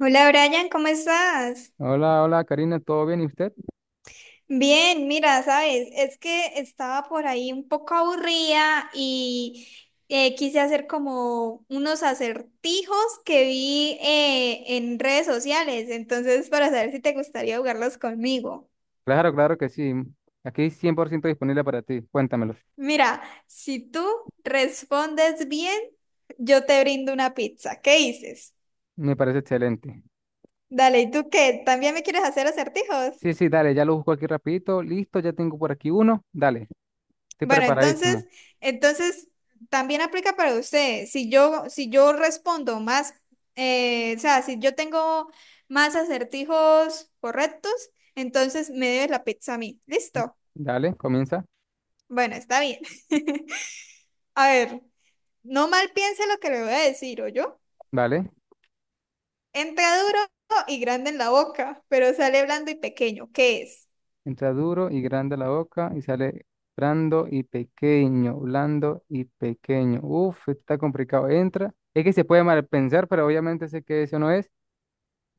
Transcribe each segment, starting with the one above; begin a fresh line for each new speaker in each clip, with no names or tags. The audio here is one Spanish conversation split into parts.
Hola Brian, ¿cómo estás?
Hola, hola Karina, ¿todo bien? ¿Y usted?
Bien, mira, sabes, es que estaba por ahí un poco aburrida y quise hacer como unos acertijos que vi en redes sociales, entonces para saber si te gustaría jugarlos conmigo.
Claro, claro que sí. Aquí 100% disponible para ti. Cuéntamelos.
Mira, si tú respondes bien, yo te brindo una pizza. ¿Qué dices?
Me parece excelente.
Dale, ¿y tú qué? ¿También me quieres hacer acertijos?
Sí, sí, dale, ya lo busco aquí rapidito. Listo, ya tengo por aquí uno. Dale, estoy
Bueno,
preparadísimo.
entonces también aplica para usted. Si yo respondo más, o sea, si yo tengo más acertijos correctos, entonces me debes la pizza a mí. ¿Listo?
Dale, comienza.
Bueno, está bien. A ver, no mal piense lo que le voy a decir, ¿o yo?
Dale.
Entra duro y grande en la boca, pero sale blando y pequeño. ¿Qué es?
Entra duro y grande la boca y sale blando y pequeño, blando y pequeño. Uf, esto está complicado. Entra. Es que se puede mal pensar, pero obviamente sé que eso no es.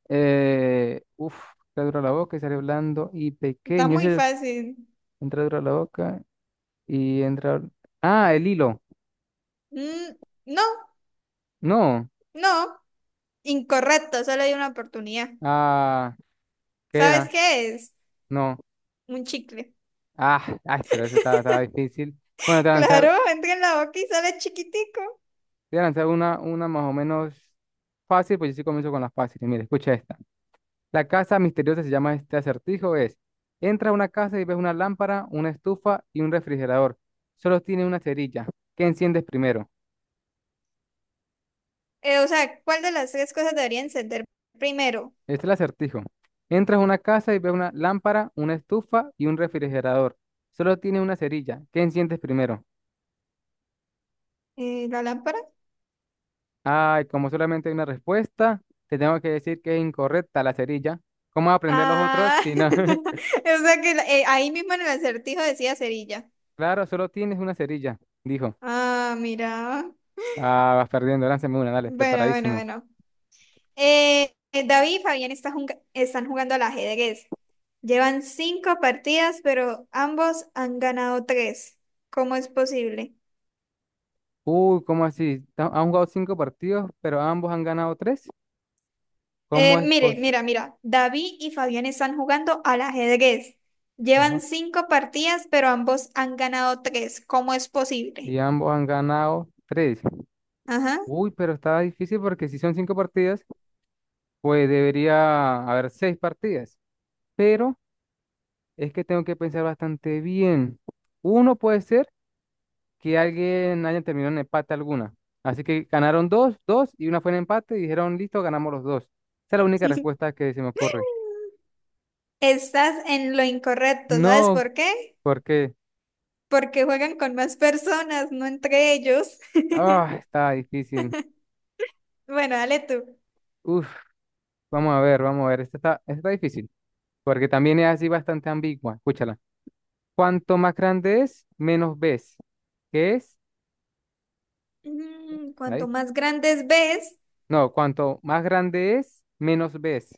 Uf, entra duro la boca y sale blando y
Está
pequeño.
muy
Es
fácil.
Entra duro la boca. Y entra. Ah, el hilo.
Mm, no,
No.
no. Incorrecto, solo hay una oportunidad.
Ah, ¿qué
¿Sabes
era?
qué es?
No.
Un chicle.
Ah, ay, pero eso estaba difícil. Bueno, te voy a lanzar,
Claro,
te
entra en la boca y sale chiquitico.
voy a lanzar una más o menos fácil, pues yo sí comienzo con las fáciles. Mira, escucha esta. La casa misteriosa se llama este acertijo, es. Entra a una casa y ves una lámpara, una estufa y un refrigerador. Solo tiene una cerilla. ¿Qué enciendes primero?
O sea, ¿cuál de las tres cosas debería encender primero?
Este es el acertijo. Entras a una casa y ves una lámpara, una estufa y un refrigerador. Solo tiene una cerilla. ¿Qué enciendes primero?
¿La lámpara?
Ay, como solamente hay una respuesta, te tengo que decir que es incorrecta la cerilla. ¿Cómo vas a aprender los otros
Ah,
si no?
o sea que ahí mismo en el acertijo decía cerilla.
Claro, solo tienes una cerilla, dijo.
Ah, mira.
Ah, vas perdiendo, lánzame una, dale,
Bueno, bueno,
preparadísimo.
bueno. David y Fabián están jugando al ajedrez. Llevan cinco partidas, pero ambos han ganado tres. ¿Cómo es posible?
Uy, ¿cómo así? Han jugado cinco partidos, pero ambos han ganado tres. ¿Cómo es
Mire,
posible?
mira, mira, David y Fabián están jugando al ajedrez. Llevan
Ajá.
cinco partidas, pero ambos han ganado tres. ¿Cómo es
Y
posible?
ambos han ganado tres.
Ajá.
Uy, pero está difícil porque si son cinco partidas, pues debería haber seis partidas. Pero es que tengo que pensar bastante bien. Uno puede ser, que alguien haya terminado en empate alguna. Así que ganaron dos, dos y una fue en empate y dijeron, listo, ganamos los dos. Esa es la única respuesta que se me ocurre.
Estás en lo incorrecto, ¿sabes
No,
por qué?
porque
Porque juegan con más personas, no entre ellos.
ah, está difícil.
Bueno, dale tú.
Uf, vamos a ver, vamos a ver. Esta está difícil, porque también es así bastante ambigua. Escúchala. Cuanto más grande es, menos ves. ¿Qué es?
Mm,
Está
cuanto
dif-
más grandes ves,
No, cuanto más grande es, menos ves.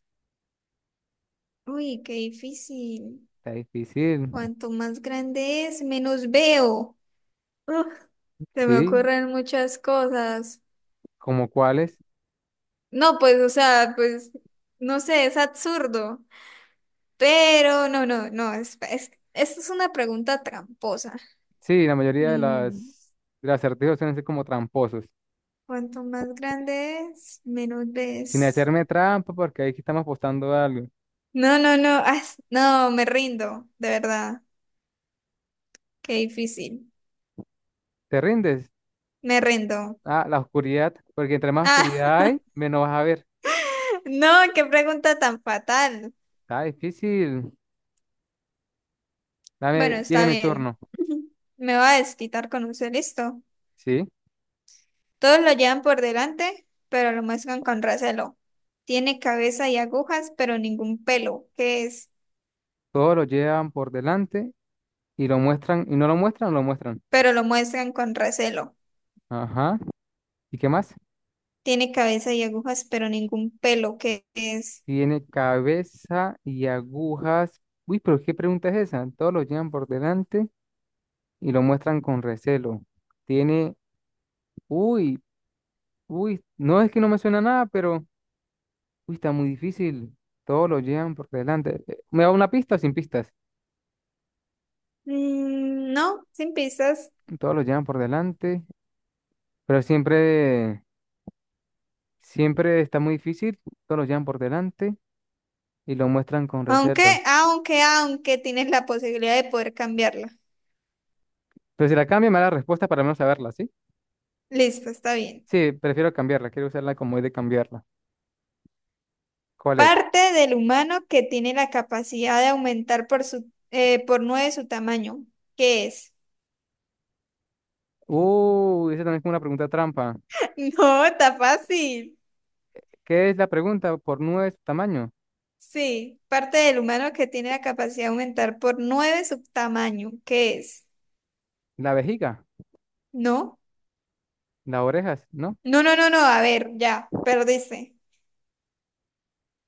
uy, qué difícil.
Está difícil.
Cuanto más grande es, menos veo. Uf, se me
Sí,
ocurren muchas cosas.
¿como cuáles?
No, pues, o sea, pues, no sé, es absurdo. Pero no, esta es una pregunta tramposa.
Sí, la mayoría de
Mm,
las acertijos suelen ser como tramposos.
cuanto más grande es, menos
Sin
ves.
hacerme trampa, porque ahí sí estamos apostando a algo.
No, no, me rindo, de verdad. Qué difícil.
¿Te rindes?
Me rindo.
Ah, la oscuridad, porque entre más
Ah,
oscuridad hay, menos vas a ver.
no, qué pregunta tan fatal.
Está difícil.
Bueno,
Dame, tiene
está
mi
bien.
turno.
Me va a desquitar con usted, listo.
Sí,
Todos lo llevan por delante, pero lo muestran con recelo. Tiene cabeza y agujas, pero ningún pelo. ¿Qué es?
todos lo llevan por delante y lo muestran, y no lo muestran, no lo muestran.
Pero lo muestran con recelo.
Ajá. ¿Y qué más?
Tiene cabeza y agujas, pero ningún pelo. ¿Qué es?
Tiene cabeza y agujas. Uy, pero ¿qué pregunta es esa? Todos lo llevan por delante y lo muestran con recelo. Tiene, uy. Uy, no es que no me suena nada, pero uy, está muy difícil. Todos lo llevan por delante. ¿Me da una pista o sin pistas?
Mm, no, sin pistas.
Todos lo llevan por delante, pero siempre, siempre está muy difícil. Todos lo llevan por delante y lo muestran con
Aunque,
reserva.
aunque, aunque tienes la posibilidad de poder cambiarla.
Pero si la cambia, me da la respuesta para al menos saberla, ¿sí?
Listo, está bien.
Sí, prefiero cambiarla. Quiero usarla como es de cambiarla. ¿Cuál es?
Parte del humano que tiene la capacidad de aumentar por nueve su tamaño. ¿Qué es?
Uy, esa también es como una pregunta trampa.
No, está fácil.
¿Qué es la pregunta por nueve de su tamaño?
Sí, parte del humano que tiene la capacidad de aumentar por nueve su tamaño, ¿qué es?
La vejiga,
¿No?
las orejas, ¿no?
No, no, no, no, a ver, ya, perdiste.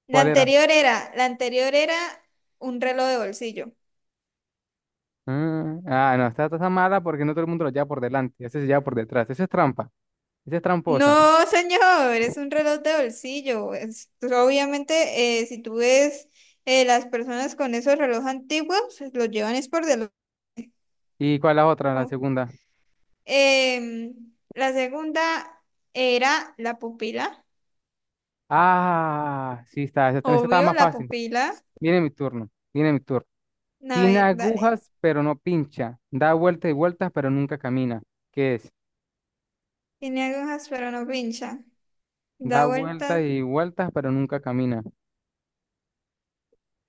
La
¿Cuál era?
anterior era, la anterior era un reloj de bolsillo.
Mm, ah, no, está mala porque no todo el mundo lo lleva por delante, ese se lleva por detrás, eso es trampa, esa es tramposa.
No, señor, es un reloj de bolsillo. Pues, obviamente, si tú ves las personas con esos relojes antiguos, los llevan es por delante.
¿Y cuál es la otra, la
¿Cómo?
segunda?
Em, la segunda era la pupila.
Ah, sí está, esa estaba
Obvio,
más
la
fácil.
pupila.
Viene mi turno, viene mi turno.
A
Tiene
ver, dale.
agujas, pero no pincha. Da vueltas y vueltas, pero nunca camina. ¿Qué es?
Tiene agujas pero no pincha.
Da
Da
vueltas
vueltas,
y vueltas, pero nunca camina.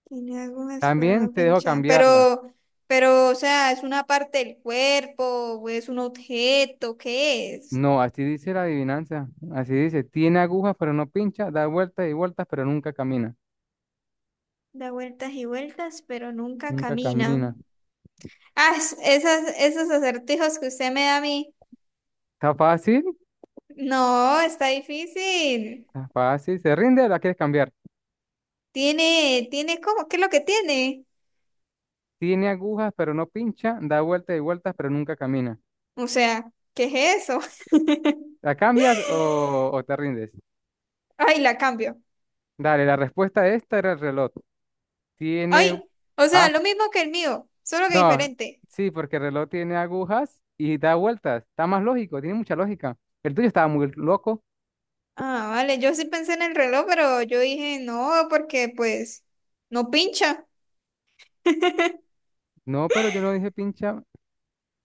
tiene agujas pero
También
no
te dejo
pincha.
cambiarla.
Pero, o sea, ¿es una parte del cuerpo o es un objeto? ¿Qué es?
No, así dice la adivinanza. Así dice, tiene agujas, pero no pincha. Da vueltas y vueltas, pero nunca camina.
Da vueltas y vueltas pero nunca
Nunca
camina.
camina.
Ah, esos acertijos que usted me da a mí.
¿Está fácil?
No, está difícil.
Está fácil, se rinde, la quieres cambiar.
¿Cómo? ¿Qué es lo que tiene?
Tiene agujas, pero no pincha, da vueltas y vueltas, pero nunca camina.
O sea, ¿qué es eso?
¿La cambias o te rindes?
Ay, la cambio.
Dale, la respuesta a esta era el reloj.
Ay,
Tiene...
o sea,
Ah,
lo mismo que el mío, solo que
no,
diferente.
sí, porque el reloj tiene agujas y da vueltas. Está más lógico, tiene mucha lógica. El tuyo estaba muy loco.
Ah, vale, yo sí pensé en el reloj, pero yo dije no, porque pues no pincha.
No, pero yo no dije pincha.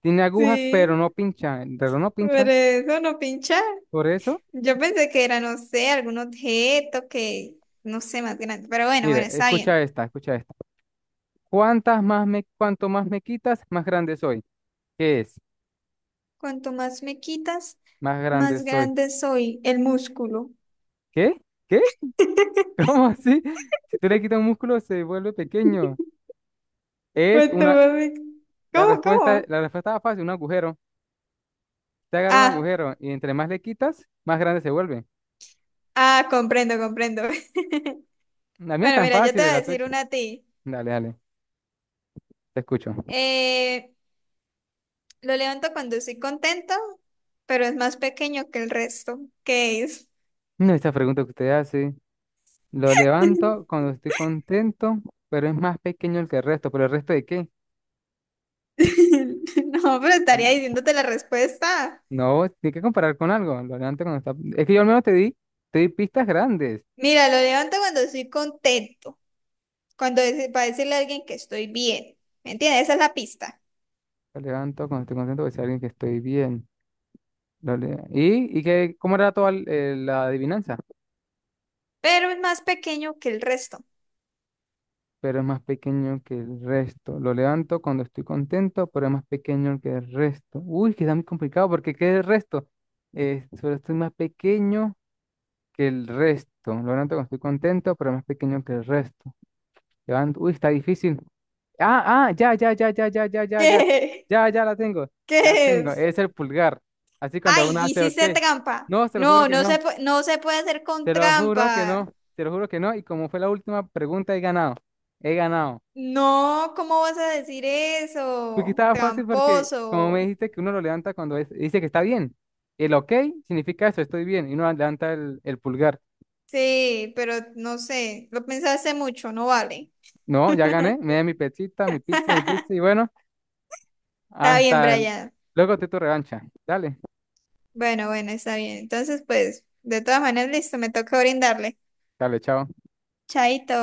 Tiene agujas,
Sí,
pero no pincha. El reloj no
por
pincha.
eso no pincha.
Por eso,
Yo pensé que era, no sé, algún objeto que, no sé, más grande. Pero bueno,
mire,
bueno, está
escucha
bien.
esta, escucha esta. ¿Cuanto más me quitas, más grande soy? ¿Qué es?
Cuanto más me quitas,
Más grande
más
soy.
grande soy el músculo.
¿Qué? ¿Qué? ¿Cómo así? Si tú le quitas un músculo, se vuelve pequeño. Es
Cuanto
una.
más me-
La
¿cómo,
respuesta,
cómo?
la respuesta era fácil, un agujero. Te agarra un
Ah,
agujero y entre más le quitas, más grande se vuelve.
ah, comprendo, comprendo.
La mía es
Bueno,
tan
mira, yo te
fácil,
voy a
la tuya.
decir una a ti.
Dale, dale, te escucho.
Eh, Lo levanto cuando estoy contento, pero es más pequeño que el resto. ¿Qué es?
No, esa pregunta que usted hace. Lo levanto cuando estoy contento, pero es más pequeño el que el resto. ¿Pero el resto de qué?
No, pero estaría
Al-
diciéndote la respuesta.
No, tiene que comparar con algo. Lo levanto cuando está. Es que yo al menos te di pistas grandes.
Mira, lo levanto cuando estoy contento, para decirle a alguien que estoy bien. ¿Me entiendes? Esa es la pista.
Lo levanto cuando estoy contento, porque es alguien que estoy bien. Dale. ¿Y qué, cómo era toda la adivinanza?
Pero es más pequeño que el resto.
Pero es más pequeño que el resto. Lo levanto cuando estoy contento, pero es más pequeño que el resto. Uy, que está muy complicado porque ¿qué es el resto? Solo estoy más pequeño que el resto. Lo levanto cuando estoy contento, pero es más pequeño que el resto. Levanto. Uy, está difícil. Ah, ah, ya, ya, ya, ya, ya, ya, ya, ya.
¿Qué?
Ya, ya la tengo. La
¿Qué
tengo.
es?
Es el pulgar. Así cuando
Ay,
uno hace, ok.
hiciste trampa.
No, se lo juro
No,
que no.
no se puede hacer con
Te lo juro que
trampa.
no, te lo juro que no. Y como fue la última pregunta, he ganado. He ganado.
No, ¿cómo vas a decir
Porque
eso?
estaba fácil porque, como me
Tramposo.
dijiste, que uno lo levanta cuando dice que está bien. El ok significa eso, estoy bien. Y uno levanta el pulgar.
Sí, pero no sé, lo pensaste mucho, no vale.
No, ya gané. Me da mi pechita, mi pizza, mi pizza. Y bueno,
Está bien,
hasta
Brian.
luego te tu revancha. Dale,
Bueno, está bien. Entonces, pues, de todas maneras, listo, me toca brindarle.
dale, chao.
Chaito.